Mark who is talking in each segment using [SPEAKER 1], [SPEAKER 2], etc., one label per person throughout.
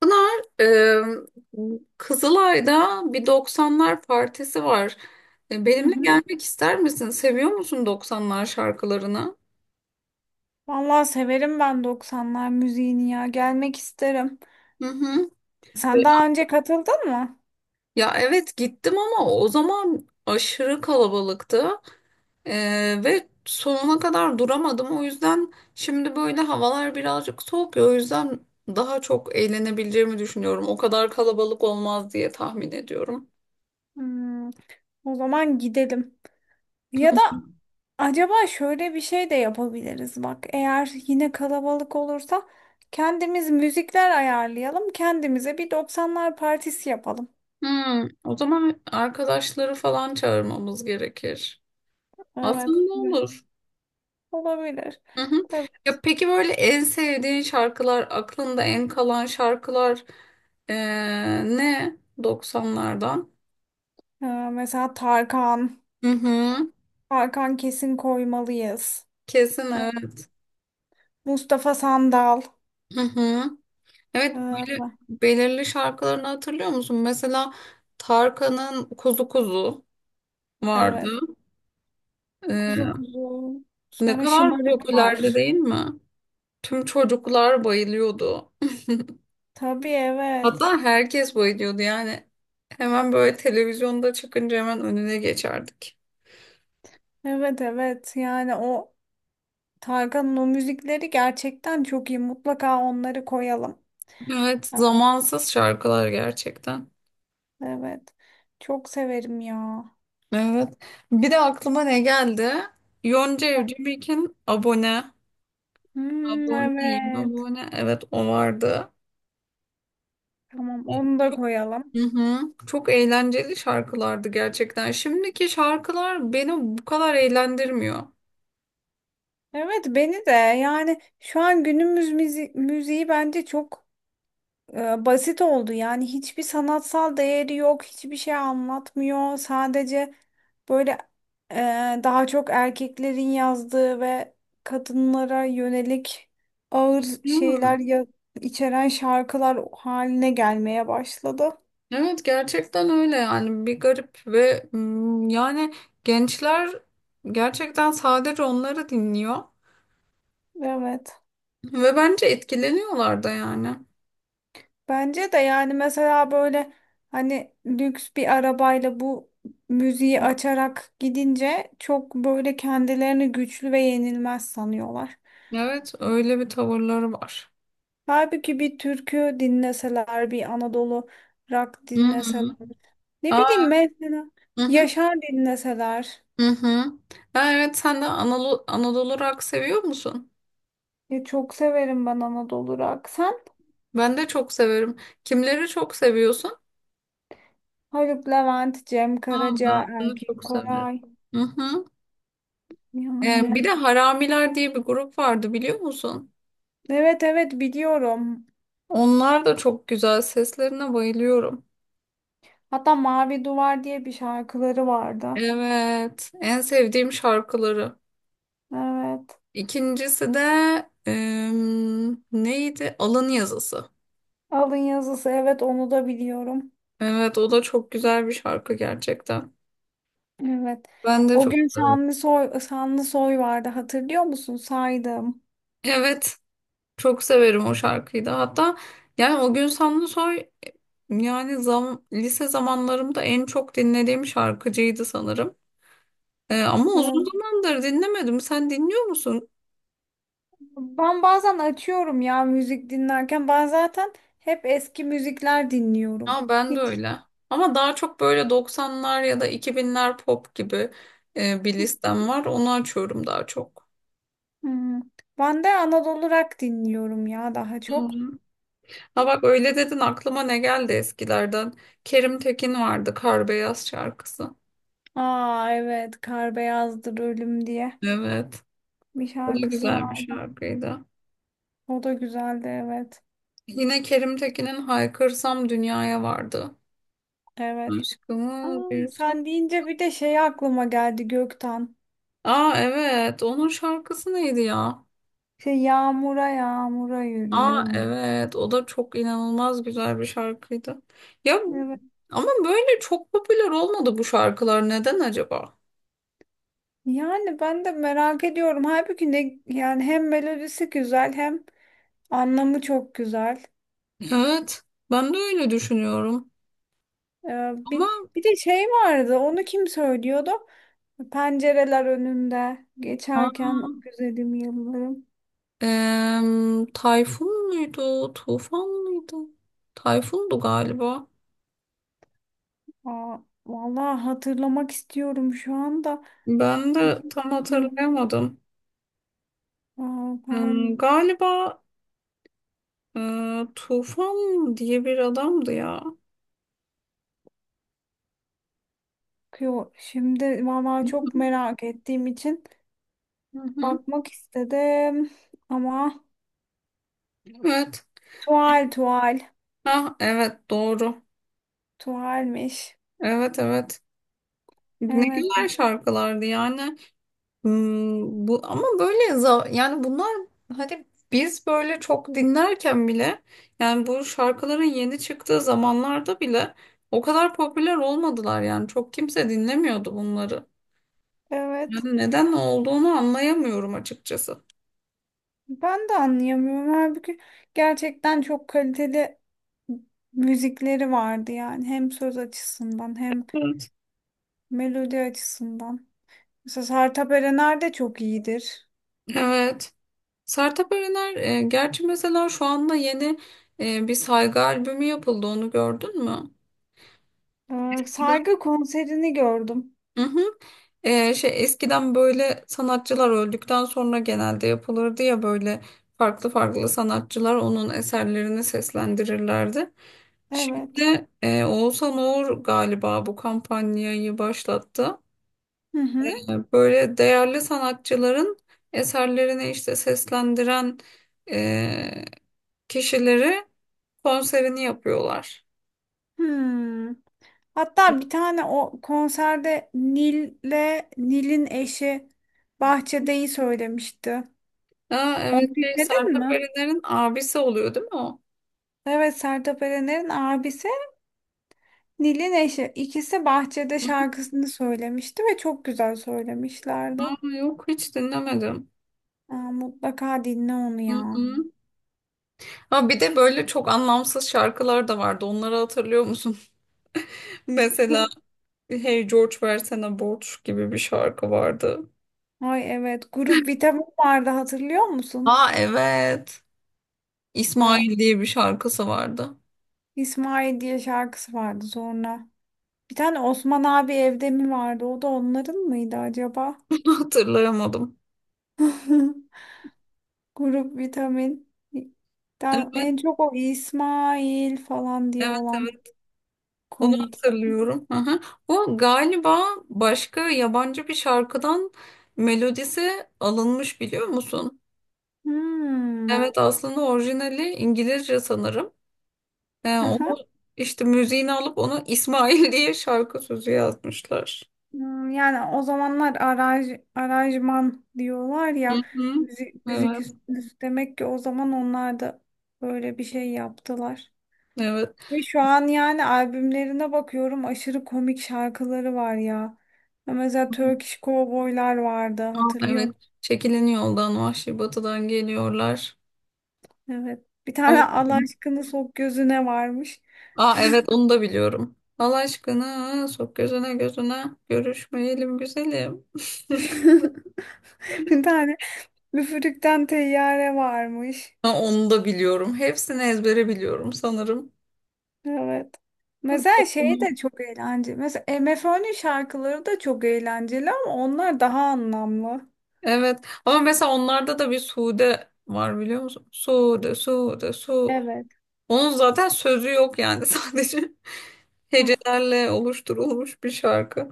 [SPEAKER 1] Pınar, Kızılay'da bir 90'lar partisi var. E,
[SPEAKER 2] Hı
[SPEAKER 1] benimle
[SPEAKER 2] hı.
[SPEAKER 1] gelmek ister misin? Seviyor musun 90'lar şarkılarını?
[SPEAKER 2] Vallahi severim ben 90'lar müziğini ya. Gelmek isterim.
[SPEAKER 1] Hı hı.
[SPEAKER 2] Sen daha önce katıldın mı?
[SPEAKER 1] Ya evet, gittim ama o zaman aşırı kalabalıktı. E, ve sonuna kadar duramadım. O yüzden şimdi böyle havalar birazcık soğuk ya. O yüzden daha çok eğlenebileceğimi düşünüyorum. O kadar kalabalık olmaz diye tahmin ediyorum.
[SPEAKER 2] Hmm, O zaman gidelim. Ya da acaba şöyle bir şey de yapabiliriz bak. Eğer yine kalabalık olursa kendimiz müzikler ayarlayalım. Kendimize bir 90'lar partisi yapalım.
[SPEAKER 1] Hmm, o zaman arkadaşları falan çağırmamız gerekir.
[SPEAKER 2] Evet.
[SPEAKER 1] Aslında
[SPEAKER 2] Evet.
[SPEAKER 1] olur.
[SPEAKER 2] Olabilir.
[SPEAKER 1] Hı hı.
[SPEAKER 2] Evet.
[SPEAKER 1] Ya peki, böyle en sevdiğin şarkılar, aklında en kalan şarkılar, eee, ne? Doksanlardan?
[SPEAKER 2] Ee, Mesela Tarkan.
[SPEAKER 1] Hı hı.
[SPEAKER 2] Tarkan kesin koymalıyız.
[SPEAKER 1] Kesin evet.
[SPEAKER 2] Mustafa Sandal.
[SPEAKER 1] Hı hı. Evet, böyle
[SPEAKER 2] Ee,
[SPEAKER 1] belirli şarkılarını hatırlıyor musun? Mesela Tarkan'ın Kuzu Kuzu
[SPEAKER 2] Evet.
[SPEAKER 1] vardı. Eee,
[SPEAKER 2] Kuzu kuzu.
[SPEAKER 1] ne
[SPEAKER 2] Sonra
[SPEAKER 1] kadar
[SPEAKER 2] şımarık
[SPEAKER 1] popülerdi
[SPEAKER 2] var.
[SPEAKER 1] değil mi? Tüm çocuklar bayılıyordu.
[SPEAKER 2] Tabii, evet.
[SPEAKER 1] Hatta herkes bayılıyordu yani. Hemen böyle televizyonda çıkınca hemen önüne geçerdik.
[SPEAKER 2] Evet, evet. Yani o Tarkan'ın o müzikleri gerçekten çok iyi. Mutlaka onları koyalım.
[SPEAKER 1] Evet, zamansız şarkılar gerçekten.
[SPEAKER 2] Evet. Çok severim ya.
[SPEAKER 1] Evet. Bir de aklıma ne geldi? Yonca
[SPEAKER 2] Heh.
[SPEAKER 1] Evcimik'in abone.
[SPEAKER 2] Hmm,
[SPEAKER 1] Aboneyim,
[SPEAKER 2] evet.
[SPEAKER 1] abone. Evet, o vardı.
[SPEAKER 2] Tamam, onu da koyalım.
[SPEAKER 1] Hı hı. Çok eğlenceli şarkılardı gerçekten. Şimdiki şarkılar beni bu kadar eğlendirmiyor.
[SPEAKER 2] Evet, beni de. Yani şu an günümüz müziği bence çok basit oldu. Yani hiçbir sanatsal değeri yok, hiçbir şey anlatmıyor. Sadece böyle e, daha çok erkeklerin yazdığı ve kadınlara yönelik ağır
[SPEAKER 1] Değil mi?
[SPEAKER 2] şeyler içeren şarkılar haline gelmeye başladı.
[SPEAKER 1] Evet, gerçekten öyle, yani bir garip ve yani gençler gerçekten sadece onları dinliyor
[SPEAKER 2] Evet.
[SPEAKER 1] ve bence etkileniyorlar da yani.
[SPEAKER 2] Bence de. Yani mesela böyle, hani lüks bir arabayla bu müziği açarak gidince çok böyle kendilerini güçlü ve yenilmez sanıyorlar.
[SPEAKER 1] Evet, öyle bir tavırları var.
[SPEAKER 2] Halbuki bir türkü dinleseler, bir Anadolu rock
[SPEAKER 1] Hı
[SPEAKER 2] dinleseler.
[SPEAKER 1] hı.
[SPEAKER 2] Ne
[SPEAKER 1] Aa.
[SPEAKER 2] bileyim, mesela
[SPEAKER 1] Hı hı.
[SPEAKER 2] Yaşar dinleseler.
[SPEAKER 1] Hı hı. Ha, evet, sen de Anadolu rock seviyor musun?
[SPEAKER 2] Ya, çok severim ben Anadolu rock. Sen.
[SPEAKER 1] Ben de çok severim. Kimleri çok seviyorsun?
[SPEAKER 2] Haluk Levent, Cem Karaca,
[SPEAKER 1] Aa, ben de
[SPEAKER 2] Erkin
[SPEAKER 1] çok severim.
[SPEAKER 2] Koray.
[SPEAKER 1] Hı hı. Bir
[SPEAKER 2] Yani,
[SPEAKER 1] de Haramiler diye bir grup vardı, biliyor musun?
[SPEAKER 2] evet evet, biliyorum.
[SPEAKER 1] Onlar da çok güzel. Seslerine bayılıyorum.
[SPEAKER 2] Hatta Mavi Duvar diye bir şarkıları vardı.
[SPEAKER 1] Evet, en sevdiğim şarkıları.
[SPEAKER 2] Evet.
[SPEAKER 1] İkincisi de neydi? Alın Yazısı.
[SPEAKER 2] Alın yazısı, evet onu da biliyorum.
[SPEAKER 1] Evet, o da çok güzel bir şarkı gerçekten.
[SPEAKER 2] Evet.
[SPEAKER 1] Ben de
[SPEAKER 2] O
[SPEAKER 1] çok
[SPEAKER 2] gün
[SPEAKER 1] severim.
[SPEAKER 2] Şanlısoy, Şanlısoy vardı hatırlıyor musun? Saydım.
[SPEAKER 1] Evet, çok severim o şarkıyı da. Hatta yani o gün Samsunsoy, yani lise zamanlarımda en çok dinlediğim şarkıcıydı sanırım. Ama uzun
[SPEAKER 2] Evet.
[SPEAKER 1] zamandır dinlemedim. Sen dinliyor musun?
[SPEAKER 2] Ben bazen açıyorum ya müzik dinlerken. Ben zaten hep eski müzikler dinliyorum.
[SPEAKER 1] Ha, ben de
[SPEAKER 2] Hiç.
[SPEAKER 1] öyle. Ama daha çok böyle 90'lar ya da 2000'ler pop gibi, bir listem var. Onu açıyorum daha çok.
[SPEAKER 2] Hmm. Ben de Anadolu rock dinliyorum ya, daha çok.
[SPEAKER 1] Ha bak, öyle dedin aklıma ne geldi eskilerden. Kerim Tekin vardı, Kar Beyaz şarkısı.
[SPEAKER 2] Aa, evet, Kar Beyazdır Ölüm diye
[SPEAKER 1] Evet.
[SPEAKER 2] bir
[SPEAKER 1] O da
[SPEAKER 2] şarkısı
[SPEAKER 1] güzel bir
[SPEAKER 2] vardı.
[SPEAKER 1] şarkıydı.
[SPEAKER 2] O da güzeldi, evet.
[SPEAKER 1] Yine Kerim Tekin'in Haykırsam Dünya'ya vardı.
[SPEAKER 2] Evet.
[SPEAKER 1] Aşkımız
[SPEAKER 2] Aa,
[SPEAKER 1] bir su.
[SPEAKER 2] sen deyince bir de şey aklıma geldi, Gökten.
[SPEAKER 1] Aa evet, onun şarkısı neydi ya?
[SPEAKER 2] Şey, yağmura yağmura
[SPEAKER 1] Aa
[SPEAKER 2] yürüyorum.
[SPEAKER 1] evet, o da çok inanılmaz güzel bir şarkıydı. Ya
[SPEAKER 2] Evet.
[SPEAKER 1] ama böyle çok popüler olmadı bu şarkılar, neden acaba?
[SPEAKER 2] Yani ben de merak ediyorum. Halbuki ne, yani hem melodisi güzel hem anlamı çok güzel.
[SPEAKER 1] Evet, ben de öyle düşünüyorum.
[SPEAKER 2] Ee,
[SPEAKER 1] Ama
[SPEAKER 2] bir, bir de şey vardı, onu kim söylüyordu? Pencereler önünde geçerken o güzelim yıllarım.
[SPEAKER 1] Tayfun muydu? Tufan mıydı? Tayfundu galiba.
[SPEAKER 2] Aa, vallahi hatırlamak istiyorum şu anda.
[SPEAKER 1] Ben de tam
[SPEAKER 2] Yok,
[SPEAKER 1] hatırlayamadım.
[SPEAKER 2] aa, ben,
[SPEAKER 1] Hmm, galiba Tufan diye bir adamdı ya.
[SPEAKER 2] yo, şimdi vallahi çok merak ettiğim için
[SPEAKER 1] Hı hı.
[SPEAKER 2] bakmak istedim ama
[SPEAKER 1] Evet.
[SPEAKER 2] tuval tuval
[SPEAKER 1] Ha, evet, doğru.
[SPEAKER 2] tuvalmiş.
[SPEAKER 1] Evet, evet. Ne
[SPEAKER 2] Evet,
[SPEAKER 1] güzel şarkılardı yani. Hmm, bu ama böyle yani bunlar, hani biz böyle çok dinlerken bile, yani bu şarkıların yeni çıktığı zamanlarda bile o kadar popüler olmadılar, yani çok kimse dinlemiyordu bunları.
[SPEAKER 2] evet.
[SPEAKER 1] Yani neden olduğunu anlayamıyorum açıkçası.
[SPEAKER 2] Ben de anlayamıyorum. Halbuki gerçekten çok kaliteli müzikleri vardı yani, hem söz açısından hem
[SPEAKER 1] Evet.
[SPEAKER 2] melodi açısından. Mesela Sertab Erener de çok iyidir.
[SPEAKER 1] Evet. Sertab Erener, gerçi mesela şu anda yeni bir saygı albümü yapıldı, onu gördün mü?
[SPEAKER 2] Saygı konserini gördüm.
[SPEAKER 1] Hı hı. Şey, eskiden böyle sanatçılar öldükten sonra genelde yapılırdı ya, böyle farklı farklı sanatçılar onun eserlerini seslendirirlerdi.
[SPEAKER 2] Evet.
[SPEAKER 1] Şimdi Oğuzhan Uğur galiba bu kampanyayı başlattı.
[SPEAKER 2] Hı hı.
[SPEAKER 1] Böyle değerli sanatçıların eserlerini işte seslendiren e, kişileri, konserini yapıyorlar.
[SPEAKER 2] Hmm. Hatta bir tane o konserde Nil'le Nil'in eşi Bahçede'yi söylemişti.
[SPEAKER 1] Aa, evet
[SPEAKER 2] Onu
[SPEAKER 1] şey,
[SPEAKER 2] dinledin
[SPEAKER 1] Sertab
[SPEAKER 2] mi?
[SPEAKER 1] Erener'in abisi oluyor değil mi o?
[SPEAKER 2] Evet, Sertab Erener'in abisi Nil'in eşi. İkisi Bahçede şarkısını söylemişti ve çok güzel söylemişlerdi.
[SPEAKER 1] Aa, yok, hiç dinlemedim.
[SPEAKER 2] Aa, mutlaka dinle onu ya.
[SPEAKER 1] Hı hı. Ha, bir de böyle çok anlamsız şarkılar da vardı. Onları hatırlıyor musun? Mesela Hey George versene borç gibi bir şarkı vardı.
[SPEAKER 2] Ay, evet, Grup Vitam'ın vardı hatırlıyor musun?
[SPEAKER 1] Aa evet.
[SPEAKER 2] Ya,
[SPEAKER 1] İsmail diye bir şarkısı vardı.
[SPEAKER 2] İsmail diye şarkısı vardı sonra. Bir tane Osman abi evde mi vardı? O da onların mıydı acaba?
[SPEAKER 1] Onu hatırlayamadım.
[SPEAKER 2] Grup Vitamin. Ben
[SPEAKER 1] Evet,
[SPEAKER 2] en çok o İsmail falan diye
[SPEAKER 1] evet,
[SPEAKER 2] olan
[SPEAKER 1] evet. Onu
[SPEAKER 2] komikti.
[SPEAKER 1] hatırlıyorum. Hı hı. O galiba başka yabancı bir şarkıdan melodisi alınmış, biliyor musun?
[SPEAKER 2] Hmm.
[SPEAKER 1] Evet, aslında orijinali İngilizce sanırım. Yani onu işte müziğini alıp onu İsmail diye şarkı sözü yazmışlar.
[SPEAKER 2] Yani o zamanlar aranjman diyorlar
[SPEAKER 1] Hı
[SPEAKER 2] ya,
[SPEAKER 1] hı. Evet,
[SPEAKER 2] demek ki o zaman onlar da böyle bir şey yaptılar.
[SPEAKER 1] evet.
[SPEAKER 2] Ve şu an yani albümlerine bakıyorum, aşırı komik şarkıları var ya. Ya, mesela Turkish Cowboy'lar vardı
[SPEAKER 1] Aa,
[SPEAKER 2] hatırlıyor
[SPEAKER 1] evet.
[SPEAKER 2] musun?
[SPEAKER 1] Çekilin yoldan, Vahşi Batı'dan geliyorlar.
[SPEAKER 2] Evet. Bir
[SPEAKER 1] Ay.
[SPEAKER 2] tane Allah aşkını sok gözüne varmış.
[SPEAKER 1] Aa evet, onu da biliyorum. Allah aşkına sok gözüne gözüne, görüşmeyelim güzelim.
[SPEAKER 2] Bir tane Müfürükten Teyyare varmış.
[SPEAKER 1] Ha, onu da biliyorum. Hepsini ezbere biliyorum sanırım.
[SPEAKER 2] Evet. Mesela şey de çok eğlenceli. Mesela MFÖ'nün şarkıları da çok eğlenceli ama onlar daha anlamlı.
[SPEAKER 1] Evet. Ama mesela onlarda da bir Sude var, biliyor musun? Sude, Sude, Sude.
[SPEAKER 2] Evet.
[SPEAKER 1] Onun zaten sözü yok yani, sadece
[SPEAKER 2] Hah,
[SPEAKER 1] hecelerle oluşturulmuş bir şarkı.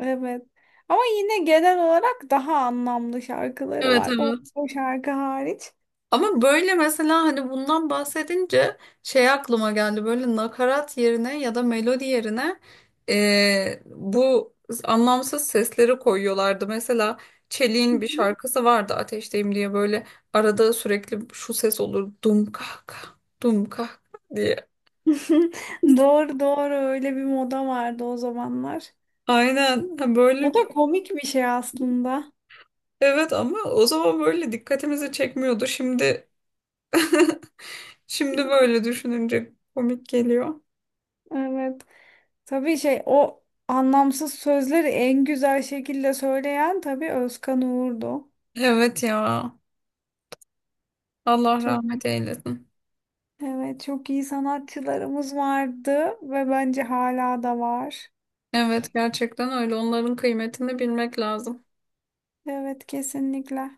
[SPEAKER 2] evet. Ama yine genel olarak daha anlamlı şarkıları
[SPEAKER 1] Evet,
[SPEAKER 2] var. O,
[SPEAKER 1] evet.
[SPEAKER 2] o şarkı hariç.
[SPEAKER 1] Ama böyle mesela, hani bundan bahsedince şey aklıma geldi, böyle nakarat yerine ya da melodi yerine bu anlamsız sesleri koyuyorlardı. Mesela Çelik'in bir şarkısı vardı, Ateşteyim diye, böyle arada sürekli şu ses olur, dum kah kah dum kah kah diye.
[SPEAKER 2] Doğru doğru, öyle bir moda vardı o zamanlar.
[SPEAKER 1] Aynen. Ha, böyle.
[SPEAKER 2] O da komik bir şey aslında.
[SPEAKER 1] Evet, ama o zaman böyle dikkatimizi çekmiyordu. Şimdi şimdi böyle düşününce komik geliyor.
[SPEAKER 2] Evet. Tabii şey, o anlamsız sözleri en güzel şekilde söyleyen tabii Özkan Uğur'du.
[SPEAKER 1] Evet ya. Allah
[SPEAKER 2] Çok
[SPEAKER 1] rahmet eylesin.
[SPEAKER 2] Evet, çok iyi sanatçılarımız vardı ve bence hala da var.
[SPEAKER 1] Evet, gerçekten öyle. Onların kıymetini bilmek lazım.
[SPEAKER 2] Evet, kesinlikle.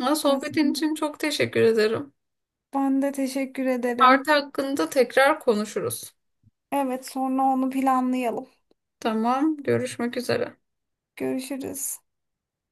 [SPEAKER 1] Ha, sohbetin için çok teşekkür ederim.
[SPEAKER 2] Ben de teşekkür
[SPEAKER 1] Artı
[SPEAKER 2] ederim.
[SPEAKER 1] hakkında tekrar konuşuruz.
[SPEAKER 2] Evet, sonra onu planlayalım.
[SPEAKER 1] Tamam, görüşmek üzere.
[SPEAKER 2] Görüşürüz.